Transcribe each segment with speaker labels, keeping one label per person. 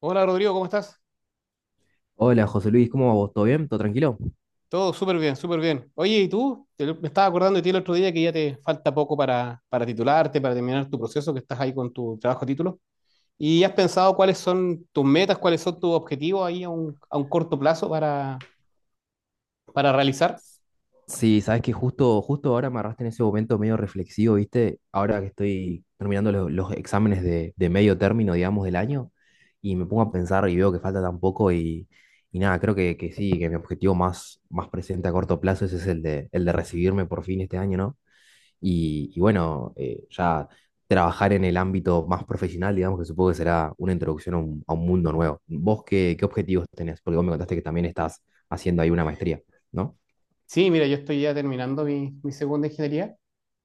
Speaker 1: Hola Rodrigo, ¿cómo estás?
Speaker 2: Hola José Luis, ¿cómo va vos? ¿Todo bien? ¿Todo tranquilo?
Speaker 1: Todo súper bien, súper bien. Oye, ¿y tú? Me estaba acordando de ti el otro día que ya te falta poco para titularte, para terminar tu proceso, que estás ahí con tu trabajo título. ¿Y has pensado cuáles son tus metas, cuáles son tus objetivos ahí a un, corto plazo para realizar?
Speaker 2: Sí, sabes que justo ahora me agarraste en ese momento medio reflexivo, ¿viste? Ahora que estoy terminando los exámenes de medio término, digamos, del año, y me pongo a pensar y veo que falta tan poco y nada, creo que sí, que mi objetivo más presente a corto plazo ese es el de recibirme por fin este año, ¿no? Y bueno, ya trabajar en el ámbito más profesional, digamos que supongo que será una introducción a un mundo nuevo. ¿Vos qué objetivos tenés? Porque vos me contaste que también estás haciendo ahí una maestría, ¿no?
Speaker 1: Sí, mira, yo estoy ya terminando mi segunda ingeniería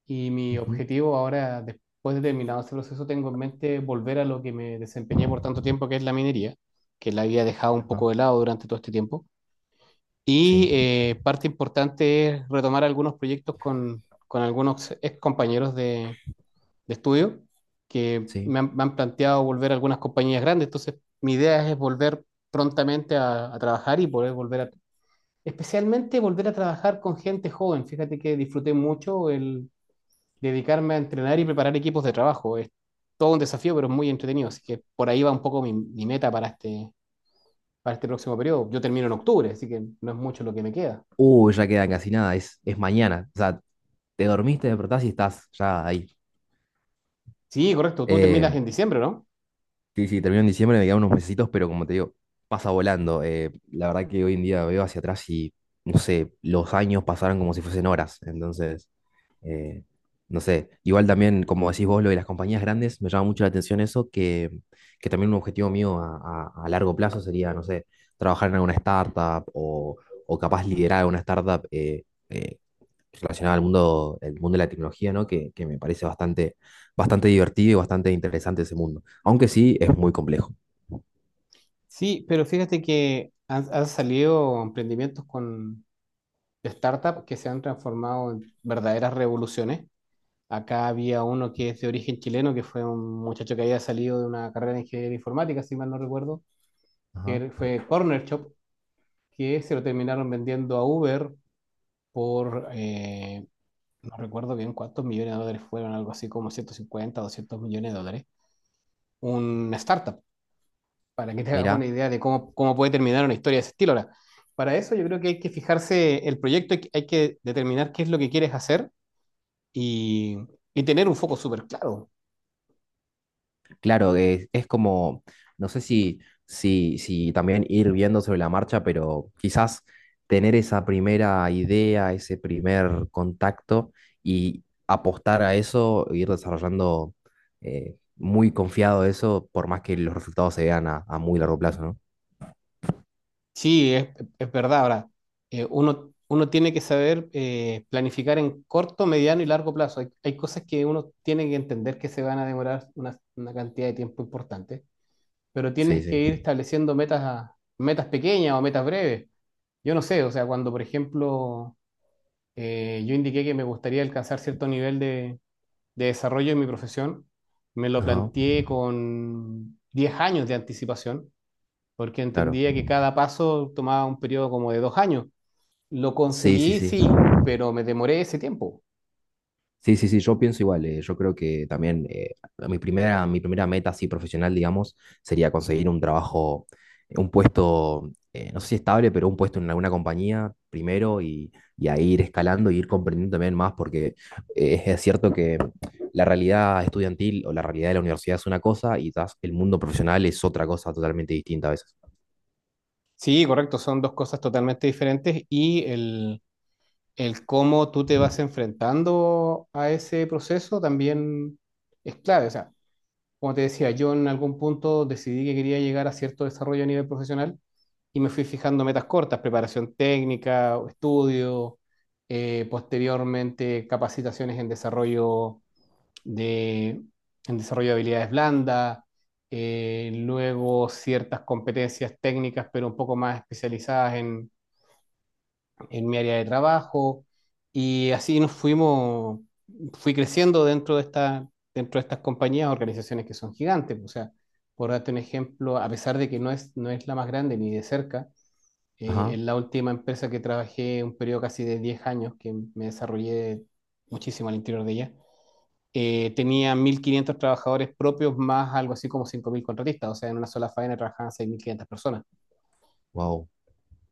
Speaker 1: y mi
Speaker 2: Ujú,
Speaker 1: objetivo ahora, después de terminado este proceso, tengo en mente volver a lo que me desempeñé por tanto tiempo, que es la minería, que la había dejado un poco
Speaker 2: ajá,
Speaker 1: de lado durante todo este tiempo. Y
Speaker 2: sí,
Speaker 1: parte importante es retomar algunos proyectos con, algunos ex compañeros de, estudio que
Speaker 2: sí.
Speaker 1: me han planteado volver a algunas compañías grandes. Entonces, mi idea es volver prontamente a trabajar y poder especialmente volver a trabajar con gente joven. Fíjate que disfruté mucho el dedicarme a entrenar y preparar equipos de trabajo. Es todo un desafío, pero es muy entretenido. Así que por ahí va un poco mi, meta para este próximo periodo. Yo termino en octubre, así que no es mucho lo que me queda.
Speaker 2: Ya queda casi nada, es mañana. O sea, te dormiste, te despertás y estás ya ahí.
Speaker 1: Sí, correcto, tú terminas
Speaker 2: Eh,
Speaker 1: en diciembre, ¿no?
Speaker 2: sí, sí, termino en diciembre, me quedan unos mesecitos, pero como te digo, pasa volando. La verdad que hoy en día veo hacia atrás y, no sé, los años pasaron como si fuesen horas. Entonces... Eh, no sé, igual también, como decís vos, lo de las compañías grandes, me llama mucho la atención eso, que también un objetivo mío a largo plazo sería, no sé, trabajar en alguna startup o capaz liderar alguna startup eh, relacionada al mundo, el mundo de la tecnología, ¿no? Que me parece bastante divertido y bastante interesante ese mundo, aunque sí es muy complejo.
Speaker 1: Sí, pero fíjate que han salido emprendimientos con de startup que se han transformado en verdaderas revoluciones. Acá había uno que es de origen chileno, que fue un muchacho que había salido de una carrera de ingeniería informática, si mal no recuerdo,
Speaker 2: Ajá.
Speaker 1: fue Corner Shop, que se lo terminaron vendiendo a Uber por, eh, no recuerdo bien cuántos millones de dólares fueron, algo así como 150, 200 millones de dólares. Una startup, para que te hagas una
Speaker 2: Mirá.
Speaker 1: idea de cómo, puede terminar una historia de ese estilo. Ahora, para eso yo creo que hay que fijarse el proyecto, hay que determinar qué es lo que quieres hacer y, y tener un foco súper claro.
Speaker 2: Claro, es como, no sé si si también ir viendo sobre la marcha, pero quizás tener esa primera idea, ese primer contacto y apostar a eso, ir desarrollando muy confiado eso, por más que los resultados se vean a muy largo plazo, ¿no?
Speaker 1: Sí, es, verdad. Ahora, uno tiene que saber planificar en corto, mediano y largo plazo. hay, cosas que uno tiene que entender que se van a demorar una cantidad de tiempo importante, pero
Speaker 2: Sí,
Speaker 1: tienes que
Speaker 2: sí.
Speaker 1: ir estableciendo metas, metas pequeñas o metas breves. Yo no sé, o sea, cuando por ejemplo yo indiqué que me gustaría alcanzar cierto nivel de desarrollo en mi profesión. Me lo
Speaker 2: Ajá,
Speaker 1: planteé con 10 años de anticipación, porque
Speaker 2: claro.
Speaker 1: entendía que cada paso tomaba un periodo como de 2 años. Lo
Speaker 2: Sí, sí,
Speaker 1: conseguí,
Speaker 2: sí.
Speaker 1: sí, pero me demoré ese tiempo.
Speaker 2: Sí, sí, sí, yo pienso igual. Yo creo que también mi primera meta así profesional, digamos, sería conseguir un trabajo, un puesto, no sé si estable, pero un puesto en alguna compañía primero y ahí ir escalando y ir comprendiendo también más, porque es cierto que la realidad estudiantil o la realidad de la universidad es una cosa y quizás el mundo profesional es otra cosa totalmente distinta a veces.
Speaker 1: Sí, correcto, son dos cosas totalmente diferentes y el cómo tú te vas enfrentando a ese proceso también es clave. O sea, como te decía, yo en algún punto decidí que quería llegar a cierto desarrollo a nivel profesional y me fui fijando metas cortas, preparación técnica, estudio, posteriormente capacitaciones en desarrollo de, en desarrollo de habilidades blandas, luego ciertas competencias técnicas, pero un poco más especializadas en mi área de trabajo y así fui creciendo dentro de estas compañías, organizaciones que son gigantes, o sea, por darte un ejemplo, a pesar de que no es la más grande ni de cerca,
Speaker 2: Ajá,
Speaker 1: en la última empresa que trabajé un periodo casi de 10 años, que me desarrollé muchísimo al interior de ella, tenía 1.500 trabajadores propios más algo así como 5.000 contratistas, o sea, en una sola faena trabajaban 6.500 personas.
Speaker 2: wow,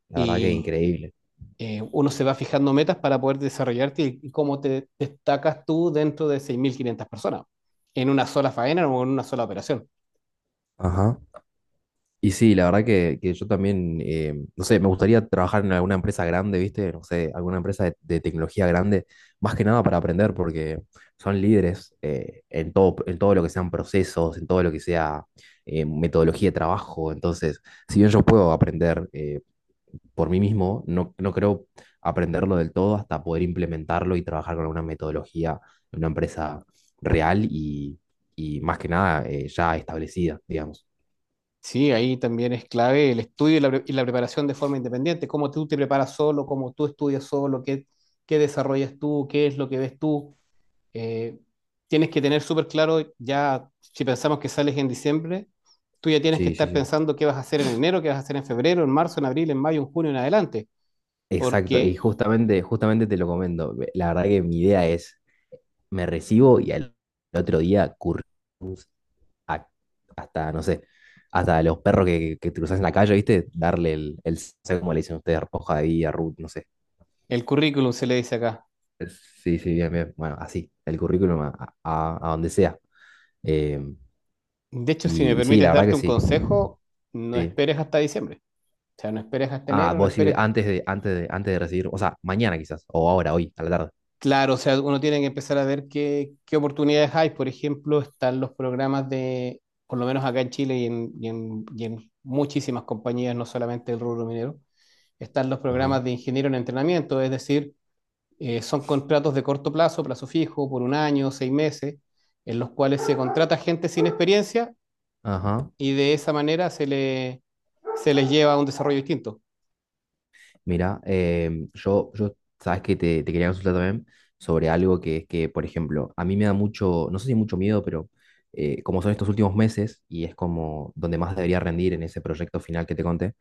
Speaker 2: la verdad que
Speaker 1: Y
Speaker 2: increíble.
Speaker 1: uno se va fijando metas para poder desarrollarte y cómo te destacas tú dentro de 6.500 personas en una sola faena o en una sola operación.
Speaker 2: Ajá. Y sí, la verdad que yo también, no sé, me gustaría trabajar en alguna empresa grande, ¿viste? No sé, alguna empresa de tecnología grande, más que nada para aprender, porque son líderes en todo lo que sean procesos, en todo lo que sea metodología de trabajo. Entonces, si bien yo puedo aprender por mí mismo, no creo aprenderlo del todo hasta poder implementarlo y trabajar con alguna metodología en una empresa real y más que nada ya establecida, digamos.
Speaker 1: Sí, ahí también es clave el estudio y la preparación de forma independiente, cómo tú te preparas solo, cómo tú estudias solo, qué, desarrollas tú, qué es lo que ves tú. Eh, Tienes que tener súper claro ya, si pensamos que sales en diciembre, tú ya tienes que
Speaker 2: Sí, sí,
Speaker 1: estar
Speaker 2: sí.
Speaker 1: pensando qué vas a hacer en enero, qué vas a hacer en febrero, en marzo, en abril, en mayo, en junio, en adelante,
Speaker 2: Exacto, y
Speaker 1: porque
Speaker 2: justamente te lo comento. La verdad que mi idea es, me recibo y al otro día currículums a- hasta, no sé, hasta los perros que te cruzas en la calle, ¿viste? Darle el no sé cómo le dicen ustedes, hoja de vida, root, no sé.
Speaker 1: el currículum se le dice acá.
Speaker 2: Sí, sí, bien, bien. Bueno, así, el currículum a donde sea. Eh,
Speaker 1: De hecho, si me
Speaker 2: y sí,
Speaker 1: permites
Speaker 2: la verdad que
Speaker 1: darte un
Speaker 2: sí,
Speaker 1: consejo, no
Speaker 2: sí.
Speaker 1: esperes hasta diciembre. O sea, no esperes hasta
Speaker 2: Ah,
Speaker 1: enero, no
Speaker 2: vos decís
Speaker 1: esperes.
Speaker 2: antes de recibir, o sea, mañana quizás, o ahora, hoy, a la tarde.
Speaker 1: Claro, o sea, uno tiene que empezar a ver qué oportunidades hay. Por ejemplo, están los programas de, por lo menos acá en Chile y en, y en muchísimas compañías, no solamente el rubro minero, están los
Speaker 2: Ajá,
Speaker 1: programas de ingeniero en entrenamiento, es decir, son contratos de corto plazo, plazo fijo, por un año, 6 meses, en los cuales se contrata gente sin experiencia
Speaker 2: ajá.
Speaker 1: y de esa manera se les lleva a un desarrollo distinto.
Speaker 2: Mira, sabes que te quería consultar también sobre algo que es que, por ejemplo, a mí me da mucho, no sé si mucho miedo, pero como son estos últimos meses y es como donde más debería rendir en ese proyecto final que te conté,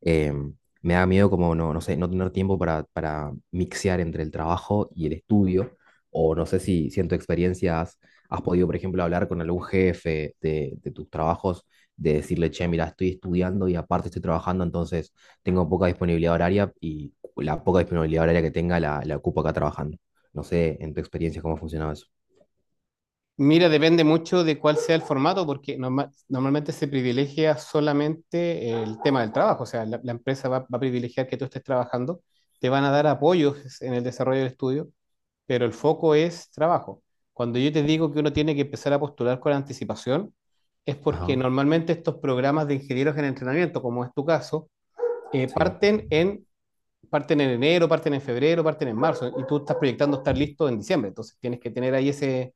Speaker 2: em, me da miedo como, no sé, no tener tiempo para mixear entre el trabajo y el estudio, o no sé si en tu experiencia has, has podido, por ejemplo, hablar con algún jefe de tus trabajos, de decirle, che, mira, estoy estudiando y aparte estoy trabajando, entonces tengo poca disponibilidad horaria y la poca disponibilidad horaria que tenga la ocupo acá trabajando. No sé, en tu experiencia, cómo ha funcionado eso.
Speaker 1: Mira, depende mucho de cuál sea el formato, porque normalmente se privilegia solamente el tema del trabajo, o sea, la, empresa va a privilegiar que tú estés trabajando, te van a dar apoyos en el desarrollo del estudio, pero el foco es trabajo. Cuando yo te digo que uno tiene que empezar a postular con anticipación, es porque
Speaker 2: Ajá,
Speaker 1: normalmente estos programas de ingenieros en entrenamiento, como es tu caso, eh,
Speaker 2: sí.
Speaker 1: parten en, parten en enero, parten en febrero, parten en marzo, y tú estás proyectando estar listo en diciembre, entonces tienes que tener ahí ese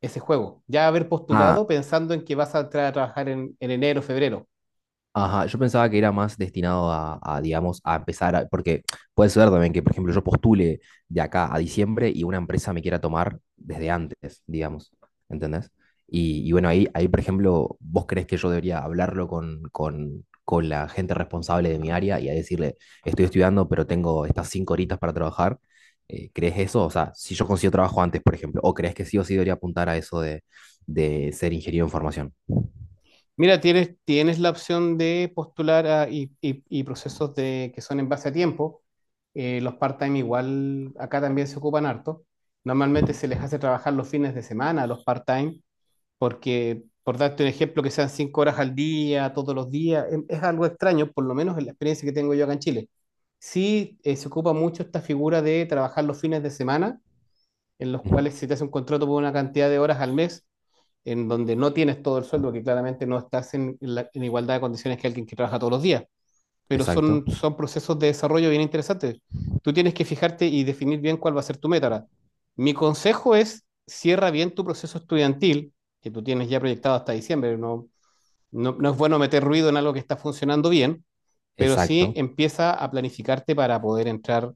Speaker 1: ese juego. Ya haber
Speaker 2: ah
Speaker 1: postulado pensando en que vas a entrar a trabajar en enero, febrero.
Speaker 2: Ajá, yo pensaba que era más destinado digamos, a empezar, porque puede ser también que, por ejemplo, yo postule de acá a diciembre y una empresa me quiera tomar desde antes, digamos, ¿entendés? Y bueno, ahí, por ejemplo, vos crees que yo debería hablarlo con con la gente responsable de mi área y a decirle, estoy estudiando, pero tengo estas cinco horitas para trabajar. ¿Crees eso? O sea, si yo consigo trabajo antes, por ejemplo, ¿o crees que sí o sí debería apuntar a eso de ser ingeniero en formación?
Speaker 1: Mira, tienes la opción de postular y procesos que son en base a tiempo. Los part-time igual acá también se ocupan harto.
Speaker 2: Ujú,
Speaker 1: Normalmente se les hace trabajar los fines de semana a los part-time, porque por darte un ejemplo, que sean 5 horas al día, todos los días, es algo extraño, por lo menos en la experiencia que tengo yo acá en Chile. Sí, se ocupa mucho esta figura de trabajar los fines de semana en los
Speaker 2: ujú,
Speaker 1: cuales se te hace un contrato por una cantidad de horas al mes, en donde no tienes todo el sueldo, que claramente no estás en, en igualdad de condiciones que alguien que trabaja todos los días, pero
Speaker 2: Exacto.
Speaker 1: son, procesos de desarrollo bien interesantes. Tú tienes que fijarte y definir bien cuál va a ser tu meta. Ahora, mi consejo es, cierra bien tu proceso estudiantil, que tú tienes ya proyectado hasta diciembre, no es bueno meter ruido en algo que está funcionando bien, pero sí
Speaker 2: Exacto.
Speaker 1: empieza a planificarte para poder entrar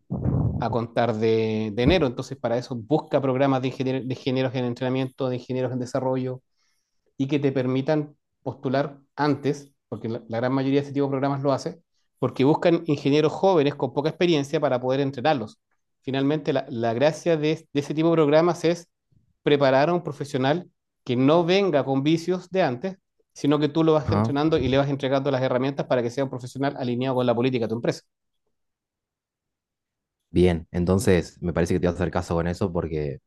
Speaker 1: a contar de, enero. Entonces, para eso busca programas de ingenieros en entrenamiento, de ingenieros en desarrollo y que te permitan postular antes, porque la, gran mayoría de este tipo de programas lo hace, porque buscan ingenieros jóvenes con poca experiencia para poder entrenarlos. Finalmente, la, gracia de ese tipo de programas es preparar a un profesional que no venga con vicios de antes, sino que tú lo vas
Speaker 2: Ajá.
Speaker 1: entrenando y le vas entregando las herramientas para que sea un profesional alineado con la política de tu empresa.
Speaker 2: Bien, entonces me parece que te vas a hacer caso con eso porque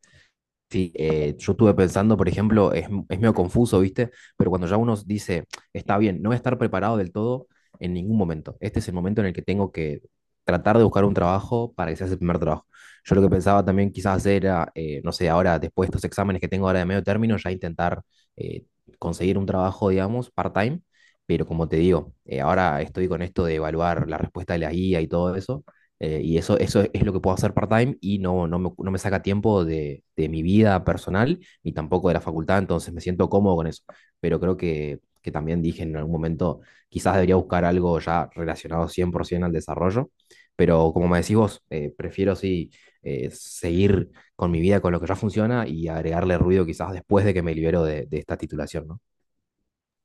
Speaker 2: sí, yo estuve pensando, por ejemplo, es medio confuso, ¿viste? Pero cuando ya uno dice, está bien, no voy a estar preparado del todo en ningún momento. Este es el momento en el que tengo que tratar de buscar un trabajo para que sea ese primer trabajo. Yo lo que pensaba también quizás hacer era, no sé, ahora después de estos exámenes que tengo ahora de medio término, ya intentar eh, conseguir un trabajo, digamos, part-time. Pero como te digo, ahora estoy con esto de evaluar la respuesta de la guía y todo eso. Eso es lo que puedo hacer part-time y no, no me, no me saca tiempo de mi vida personal ni tampoco de la facultad, entonces me siento cómodo con eso. Pero creo que también dije en algún momento, quizás debería buscar algo ya relacionado 100% al desarrollo, pero como me decís vos, prefiero sí seguir con mi vida, con lo que ya funciona y agregarle ruido quizás después de que me libero de esta titulación, ¿no?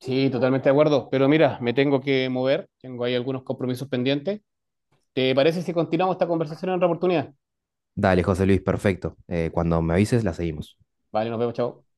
Speaker 1: Sí, totalmente de acuerdo. Pero mira, me tengo que mover. Tengo ahí algunos compromisos pendientes. ¿Te parece si continuamos esta conversación en otra oportunidad?
Speaker 2: Dale, José Luis, perfecto. Cuando me avises, la seguimos.
Speaker 1: Vale, nos vemos, chao.